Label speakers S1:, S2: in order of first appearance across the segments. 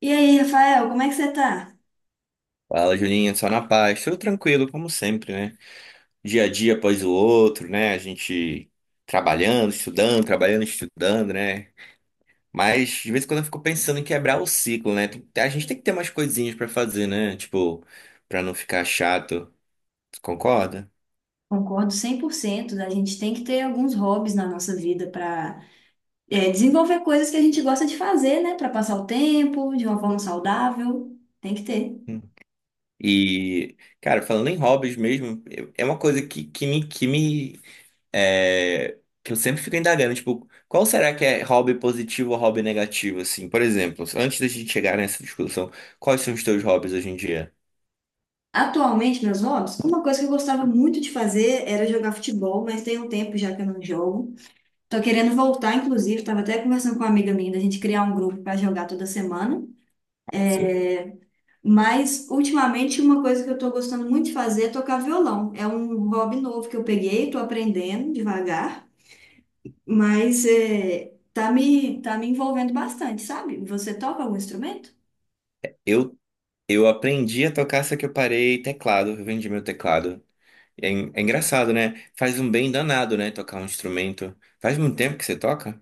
S1: E aí, Rafael, como é que você tá?
S2: Fala, Julinho, só na paz, tudo tranquilo, como sempre, né? Dia a dia após o outro, né? A gente trabalhando, estudando, né? Mas de vez em quando eu fico pensando em quebrar o ciclo, né? A gente tem que ter umas coisinhas pra fazer, né? Tipo, pra não ficar chato. Tu concorda?
S1: Concordo 100%. A gente tem que ter alguns hobbies na nossa vida para desenvolver coisas que a gente gosta de fazer, né? Para passar o tempo de uma forma saudável, tem que ter.
S2: Hum. E, cara, falando em hobbies mesmo, é uma coisa que eu sempre fico indagando, tipo, qual será que é hobby positivo ou hobby negativo, assim? Por exemplo, antes da gente chegar nessa discussão, quais são os teus hobbies hoje em dia?
S1: Atualmente, meus hobbies, uma coisa que eu gostava muito de fazer era jogar futebol, mas tem um tempo já que eu não jogo. Tô querendo voltar, inclusive, estava até conversando com uma amiga minha da gente criar um grupo para jogar toda semana. É, Mas, ultimamente, uma coisa que eu tô gostando muito de fazer é tocar violão. É um hobby novo que eu peguei, tô aprendendo devagar, mas tá me envolvendo bastante, sabe? Você toca algum instrumento?
S2: Eu, eu aprendi a tocar, só que eu parei teclado, eu vendi meu teclado. É, é engraçado, né? Faz um bem danado, né? Tocar um instrumento. Faz muito tempo que você toca?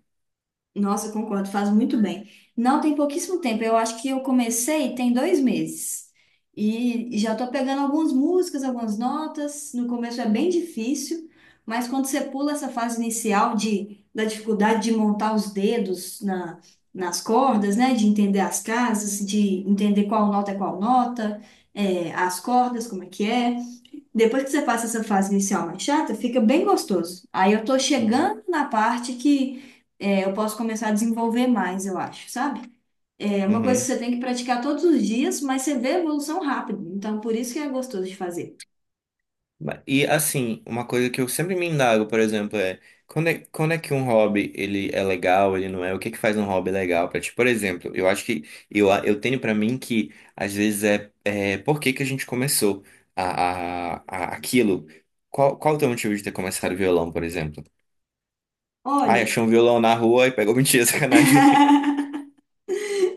S1: Nossa, eu concordo, faz muito bem. Não, tem pouquíssimo tempo. Eu acho que eu comecei tem dois meses. E já estou pegando algumas músicas, algumas notas. No começo é bem difícil, mas quando você pula essa fase inicial da dificuldade de montar os dedos nas cordas, né? De entender as casas, de entender qual nota é qual nota, as cordas, como é que é. Depois que você passa essa fase inicial mais chata, fica bem gostoso. Aí eu tô
S2: Uhum.
S1: chegando na parte que eu posso começar a desenvolver mais, eu acho, sabe? É uma coisa que
S2: Uhum.
S1: você tem que praticar todos os dias, mas você vê a evolução rápido. Então, por isso que é gostoso de fazer.
S2: E assim, uma coisa que eu sempre me indago, por exemplo, é quando é que um hobby ele é legal, ele não é? O que é que faz um hobby legal pra ti? Por exemplo, eu acho que eu tenho pra mim que às vezes é por que que a gente começou aquilo? Qual o teu motivo de ter começado violão, por exemplo? Ah,
S1: Olha,
S2: achou um violão na rua e pegou mentira, sacanagem.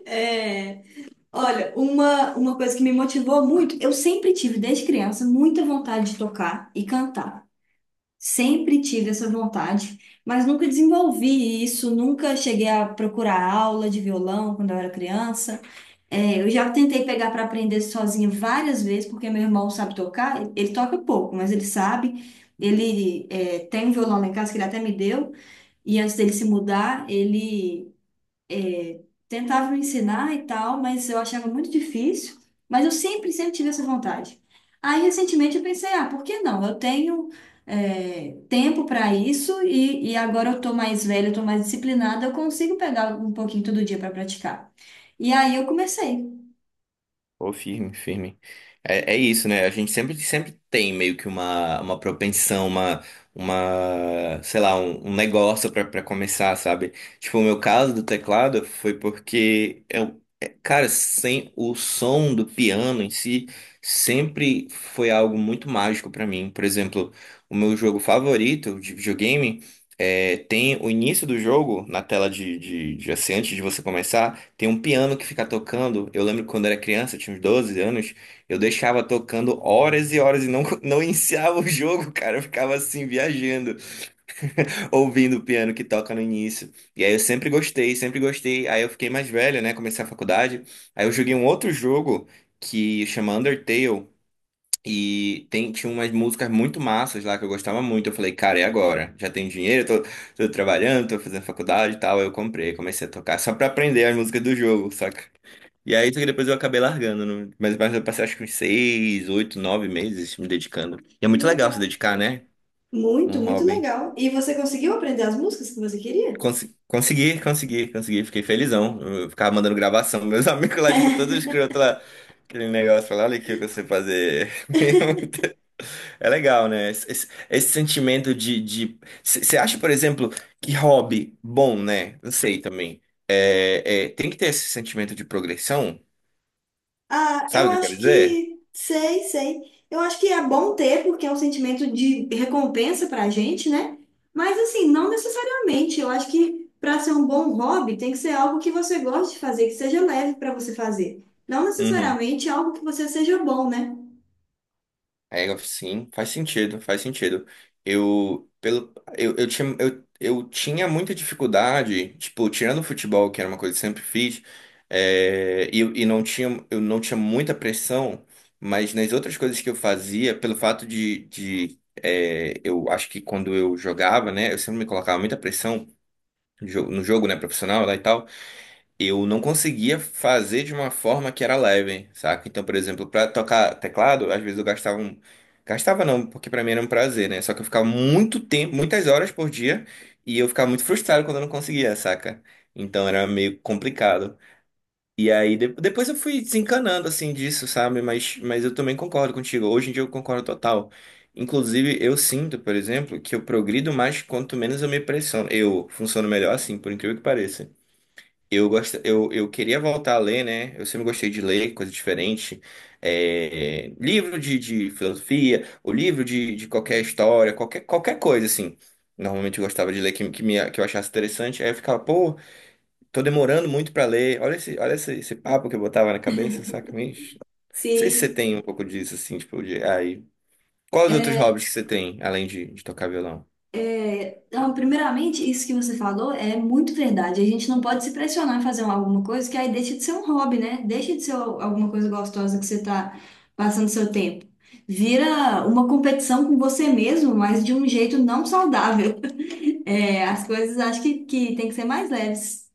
S1: é, olha, uma coisa que me motivou muito, eu sempre tive, desde criança, muita vontade de tocar e cantar. Sempre tive essa vontade, mas nunca desenvolvi isso, nunca cheguei a procurar aula de violão quando eu era criança. É, eu já tentei pegar para aprender sozinha várias vezes, porque meu irmão sabe tocar. Ele toca pouco, mas ele sabe. Tem um violão lá em casa que ele até me deu. E antes dele se mudar, ele tentava me ensinar e tal, mas eu achava muito difícil. Mas eu sempre, sempre tive essa vontade. Aí, recentemente, eu pensei, ah, por que não? Eu tenho tempo para isso e agora eu tô mais velha, eu tô mais disciplinada, eu consigo pegar um pouquinho todo dia para praticar. E aí eu comecei.
S2: Pô, firme, firme. É, é isso, né? A gente sempre, sempre tem meio que uma propensão, sei lá, um negócio pra pra começar, sabe? Tipo, o meu caso do teclado foi porque eu, é, cara, sem o som do piano em si, sempre foi algo muito mágico pra mim. Por exemplo, o meu jogo favorito de videogame é, tem o início do jogo na tela de assim, antes de você começar. Tem um piano que fica tocando. Eu lembro que quando eu era criança, eu tinha uns 12 anos, eu deixava tocando horas e horas e não, não iniciava o jogo, cara. Eu ficava assim, viajando, ouvindo o piano que toca no início. E aí eu sempre gostei, sempre gostei. Aí eu fiquei mais velho, né? Comecei a faculdade. Aí eu joguei um outro jogo que chama Undertale. Tinha umas músicas muito massas lá que eu gostava muito. Eu falei, cara, é agora? Já tenho dinheiro, tô, tô trabalhando, tô fazendo faculdade e tal. Aí eu comprei, comecei a tocar só pra aprender as músicas do jogo, saca? E aí, só que depois eu acabei largando, né? Mas eu passei acho que uns 6, 8, 9 meses me dedicando. E é muito legal se
S1: Legal.
S2: dedicar, né? Um
S1: Muito, muito
S2: hobby.
S1: legal. E você conseguiu aprender as músicas que você queria?
S2: Consegui. Fiquei felizão. Eu ficava mandando gravação. Meus amigos lá, tipo, todos escrotos lá. Aquele negócio lá, olha aqui o que eu sei fazer. É legal, né? Esse sentimento de. Você acha, por exemplo, que hobby bom, né? Não sei também. É, é, tem que ter esse sentimento de progressão.
S1: Ah,
S2: Sabe
S1: eu
S2: o que eu quero
S1: acho
S2: dizer?
S1: que sei, sei. Eu acho que é bom ter, porque é um sentimento de recompensa pra gente, né? Mas assim, não necessariamente. Eu acho que para ser um bom hobby, tem que ser algo que você goste de fazer, que seja leve para você fazer. Não
S2: Uhum.
S1: necessariamente algo que você seja bom, né?
S2: Sim, faz sentido, faz sentido. Eu, pelo, eu tinha muita dificuldade, tipo, tirando o futebol, que era uma coisa que eu sempre fiz, é, e não tinha, eu não tinha muita pressão, mas nas outras coisas que eu fazia, pelo fato eu acho que quando eu jogava, né, eu sempre me colocava muita pressão no jogo, né, profissional lá e tal, eu não conseguia fazer de uma forma que era leve, saca? Então, por exemplo, pra tocar teclado, às vezes eu gastava um... Gastava não, porque pra mim era um prazer, né? Só que eu ficava muito tempo, muitas horas por dia, e eu ficava muito frustrado quando eu não conseguia, saca? Então era meio complicado. Depois eu fui desencanando assim disso, sabe? Mas eu também concordo contigo. Hoje em dia eu concordo total. Inclusive, eu sinto, por exemplo, que eu progrido mais quanto menos eu me pressiono. Eu funciono melhor assim, por incrível que pareça. Eu queria voltar a ler, né? Eu sempre gostei de ler coisa diferente. É, livro de filosofia, o livro de qualquer história, qualquer, qualquer coisa, assim. Normalmente eu gostava de ler que eu achasse interessante. Aí eu ficava, pô, tô demorando muito pra ler. Olha esse, esse papo que eu botava na cabeça, saca? Não sei se você
S1: Sim.
S2: tem um pouco disso, assim, tipo, de. Aí. Quais outros hobbies que você tem, além de tocar violão?
S1: Então, primeiramente, isso que você falou é muito verdade. A gente não pode se pressionar a fazer alguma coisa que aí deixa de ser um hobby, né? Deixa de ser alguma coisa gostosa que você está passando seu tempo. Vira uma competição com você mesmo, mas de um jeito não saudável. É, as coisas acho que tem que ser mais leves.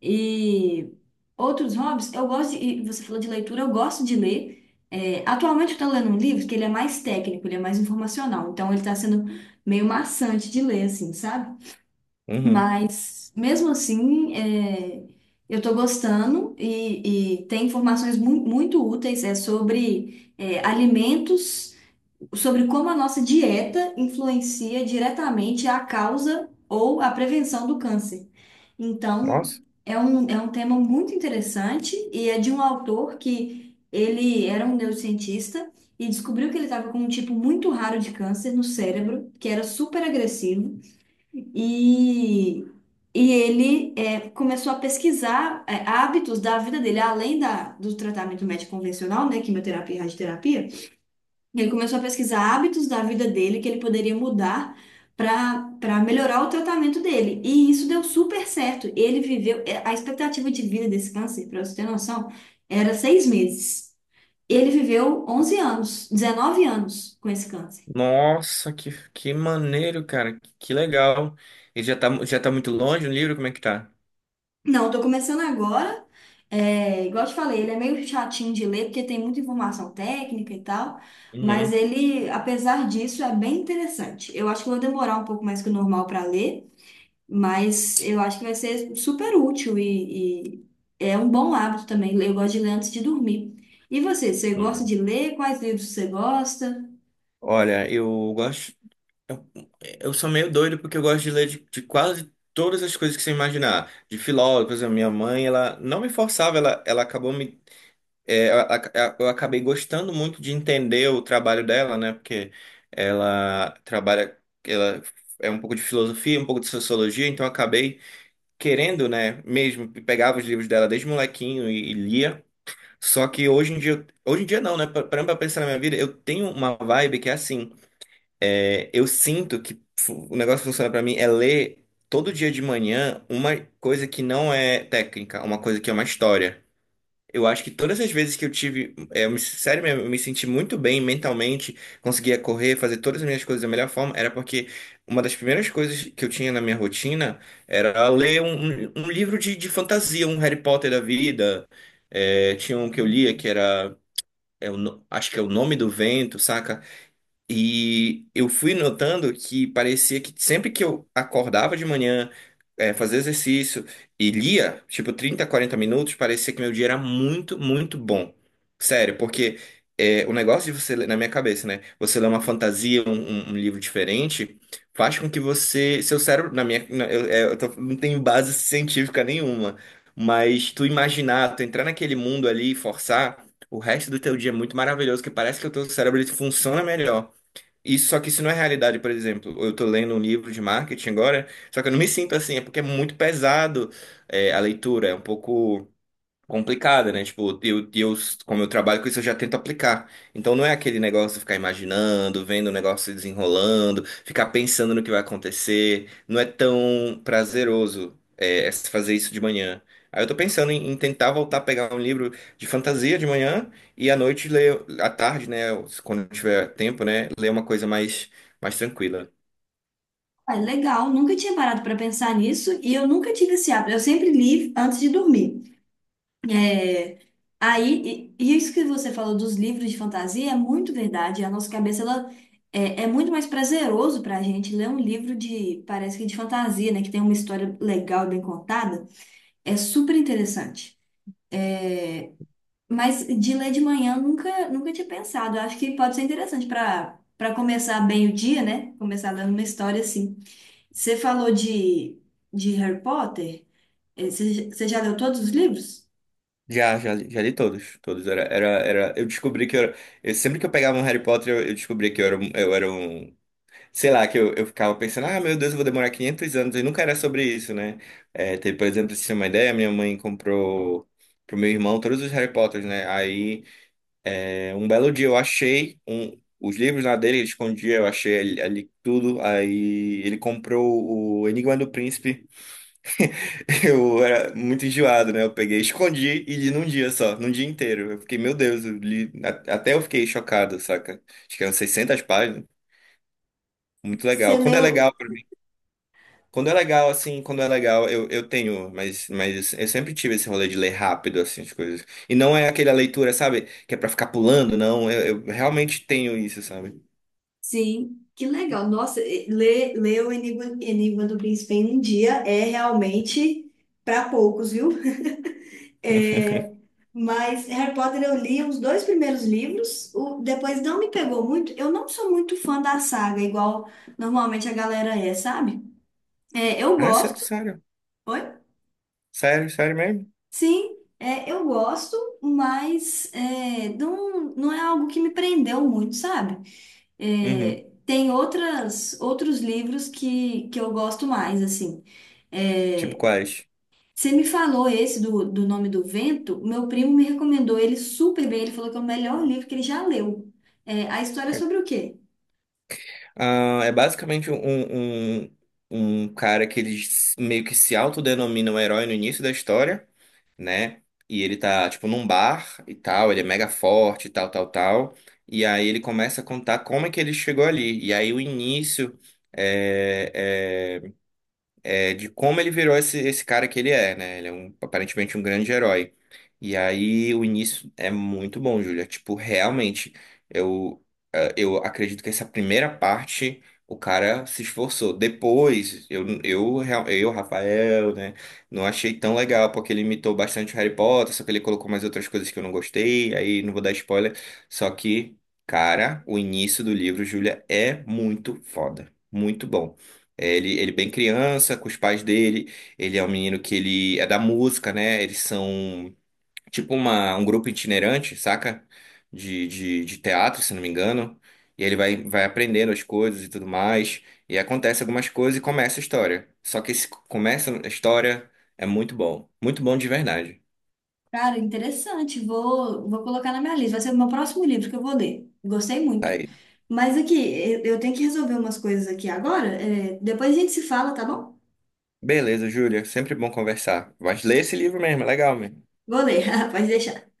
S1: E outros hobbies, eu gosto, de, e você falou de leitura, eu gosto de ler. É, atualmente eu estou lendo um livro que ele é mais técnico, ele é mais informacional, então ele está sendo meio maçante de ler, assim, sabe?
S2: Uhum.
S1: Mas, mesmo assim, eu estou gostando e tem informações muito úteis sobre alimentos, sobre como a nossa dieta influencia diretamente a causa ou a prevenção do câncer. Então,
S2: Nossa.
S1: é um tema muito interessante e é de um autor que ele era um neurocientista e descobriu que ele estava com um tipo muito raro de câncer no cérebro, que era super agressivo. E, e ele começou a pesquisar hábitos da vida dele, além do tratamento médico convencional, né, quimioterapia e radioterapia. Ele começou a pesquisar hábitos da vida dele que ele poderia mudar para melhorar o tratamento dele. E isso deu super certo. Ele viveu, a expectativa de vida desse câncer, para você ter noção, era seis meses. Ele viveu 11 anos, 19 anos com esse câncer.
S2: Nossa, que maneiro, cara. Que legal. Ele já tá, já tá muito longe o livro? Como é que tá?
S1: Não, eu tô começando agora. É, igual eu te falei, ele é meio chatinho de ler, porque tem muita informação técnica e tal, mas
S2: Uhum.
S1: ele, apesar disso, é bem interessante. Eu acho que eu vou demorar um pouco mais que o normal para ler, mas eu acho que vai ser super útil e é um bom hábito também. Eu gosto de ler antes de dormir. Você gosta
S2: Uhum.
S1: de ler? Quais livros você gosta?
S2: Olha, eu gosto. Eu, eu sou meio doido porque eu gosto de ler de quase todas as coisas que você imaginar. De filósofos, a minha mãe, ela não me forçava, ela acabou me. É, eu acabei gostando muito de entender o trabalho dela, né? Porque ela trabalha. Ela é um pouco de filosofia, um pouco de sociologia, então eu acabei. Querendo, né, mesmo, pegava os livros dela desde molequinho e lia. Só que hoje em dia, hoje em dia não, né? Parando pra pensar na minha vida, eu tenho uma vibe que é assim, é, eu sinto que o negócio que funciona pra mim é ler todo dia de manhã uma coisa que não é técnica, uma coisa que é uma história. Eu acho que todas as vezes que eu tive, é, sério mesmo, eu me senti muito bem mentalmente, conseguia correr, fazer todas as minhas coisas da melhor forma, era porque uma das primeiras coisas que eu tinha na minha rotina era ler um livro de fantasia, um Harry Potter da vida. É, tinha um que eu lia que era, é o acho que é O Nome do Vento, saca? E eu fui notando que parecia que sempre que eu acordava de manhã, fazia exercício e lia, tipo 30, 40 minutos, parecia que meu dia era muito, muito bom. Sério, porque o negócio de você, na minha cabeça, né? Você ler uma fantasia, um livro diferente, faz com que você, seu cérebro, na minha, na- eu, eh, eu tô- não tenho base científica nenhuma, mas tu imaginar, tu entrar naquele mundo ali e forçar, o resto do teu dia é muito maravilhoso, que parece que o teu cérebro ele funciona melhor. Isso, só que isso não é realidade, por exemplo. Eu tô lendo um livro de marketing agora, só que eu não me sinto assim, é porque é muito pesado, é, a leitura, é um pouco complicada, né? Tipo, como eu trabalho com isso, eu já tento aplicar. Então não é aquele negócio de ficar imaginando, vendo o negócio se desenrolando, ficar pensando no que vai acontecer. Não é tão prazeroso é fazer isso de manhã. Aí eu tô pensando em tentar voltar a pegar um livro de fantasia de manhã e à noite ler, à tarde, né? Quando tiver tempo, né? Ler uma coisa mais, mais tranquila.
S1: Ah, legal, nunca tinha parado para pensar nisso e eu nunca tive esse hábito. Eu sempre li antes de dormir. É, Aí, e isso que você falou dos livros de fantasia é muito verdade. A nossa cabeça, ela é muito mais prazeroso pra gente ler um livro de, parece que de fantasia, né? Que tem uma história legal, bem contada. É super interessante. Mas de ler de manhã, eu nunca, nunca tinha pensado. Eu acho que pode ser interessante para começar bem o dia, né? Começar lendo uma história assim. Você falou de, de Harry Potter. Você já leu todos os livros?
S2: Já li todos, todos. Era, eu descobri que eu era, sempre que eu pegava um Harry Potter, eu descobri que eu era, eu era sei lá, eu ficava pensando, ah, meu Deus, eu vou demorar 500 anos, e nunca era sobre isso, né? É, teve, por exemplo, se você tem uma ideia, minha mãe comprou pro meu irmão todos os Harry Potters, né? Aí, é, um belo dia eu achei os livros lá dele, ele escondia, eu achei ali, ali tudo, aí ele comprou o Enigma do Príncipe, eu era muito enjoado, né? Eu peguei, escondi e li num dia só, num dia inteiro. Eu fiquei, meu Deus, eu li, até eu fiquei chocado, saca? Acho que eram 600 páginas, muito
S1: Você
S2: legal.
S1: leu.
S2: Quando é legal, assim, quando é legal, eu tenho, mas eu sempre tive esse rolê de ler rápido, assim, as coisas. E não é aquela leitura, sabe, que é pra ficar pulando, não. Eu realmente tenho isso, sabe?
S1: Sim, que legal. Nossa, ler, ler o Enigma, Enigma do Príncipe em um dia é realmente para poucos, viu? É, mas Harry Potter eu li os dois primeiros livros, o, depois não me pegou muito. Eu não sou muito fã da saga, igual normalmente a galera é, sabe? É, eu
S2: Ah, sério,
S1: gosto.
S2: sério.
S1: Oi?
S2: Sério, sério mesmo?
S1: Sim, é, eu gosto, não, não é algo que me prendeu muito, sabe?
S2: Uhum.
S1: É, tem outras, outros livros que eu gosto mais, assim.
S2: Tipo
S1: É,
S2: quais?
S1: você me falou esse do Nome do Vento, meu primo me recomendou ele super bem, ele falou que é o melhor livro que ele já leu. É, a história é sobre o quê?
S2: Ah, é basicamente um cara que ele meio que se autodenomina um herói no início da história, né? E ele tá, tipo, num bar e tal, ele é mega forte, e tal, tal, tal. E aí ele começa a contar como é que ele chegou ali. E aí o início eh, eh, de como ele virou esse cara que ele é, né? Ele é um, aparentemente um grande herói. E aí o início é muito bom, Júlia. Tipo, realmente, eu, eu acredito que essa primeira parte o cara se esforçou. Depois, eu, Rafael, né? Não achei tão legal, porque ele imitou bastante Harry Potter, só que ele colocou mais outras coisas que eu não gostei. Aí não vou dar spoiler. Só que, cara, o início do livro, Júlia, é muito foda. Muito bom. Ele é bem criança, com os pais dele. Ele é um menino que ele é da música, né? Eles são tipo uma, um grupo itinerante, saca? De teatro, se não me engano. E ele vai aprendendo as coisas e tudo mais. E acontece algumas coisas e começa a história. Só que esse começa a história é muito bom. Muito bom de verdade.
S1: Cara, interessante, vou, vou colocar na minha lista, vai ser o meu próximo livro que eu vou ler. Gostei
S2: Tá
S1: muito.
S2: aí.
S1: Mas aqui, eu tenho que resolver umas coisas aqui agora, é, depois a gente se fala, tá bom?
S2: Beleza, Júlia. Sempre bom conversar. Mas lê esse livro mesmo, é legal mesmo.
S1: Vou ler, pode deixar.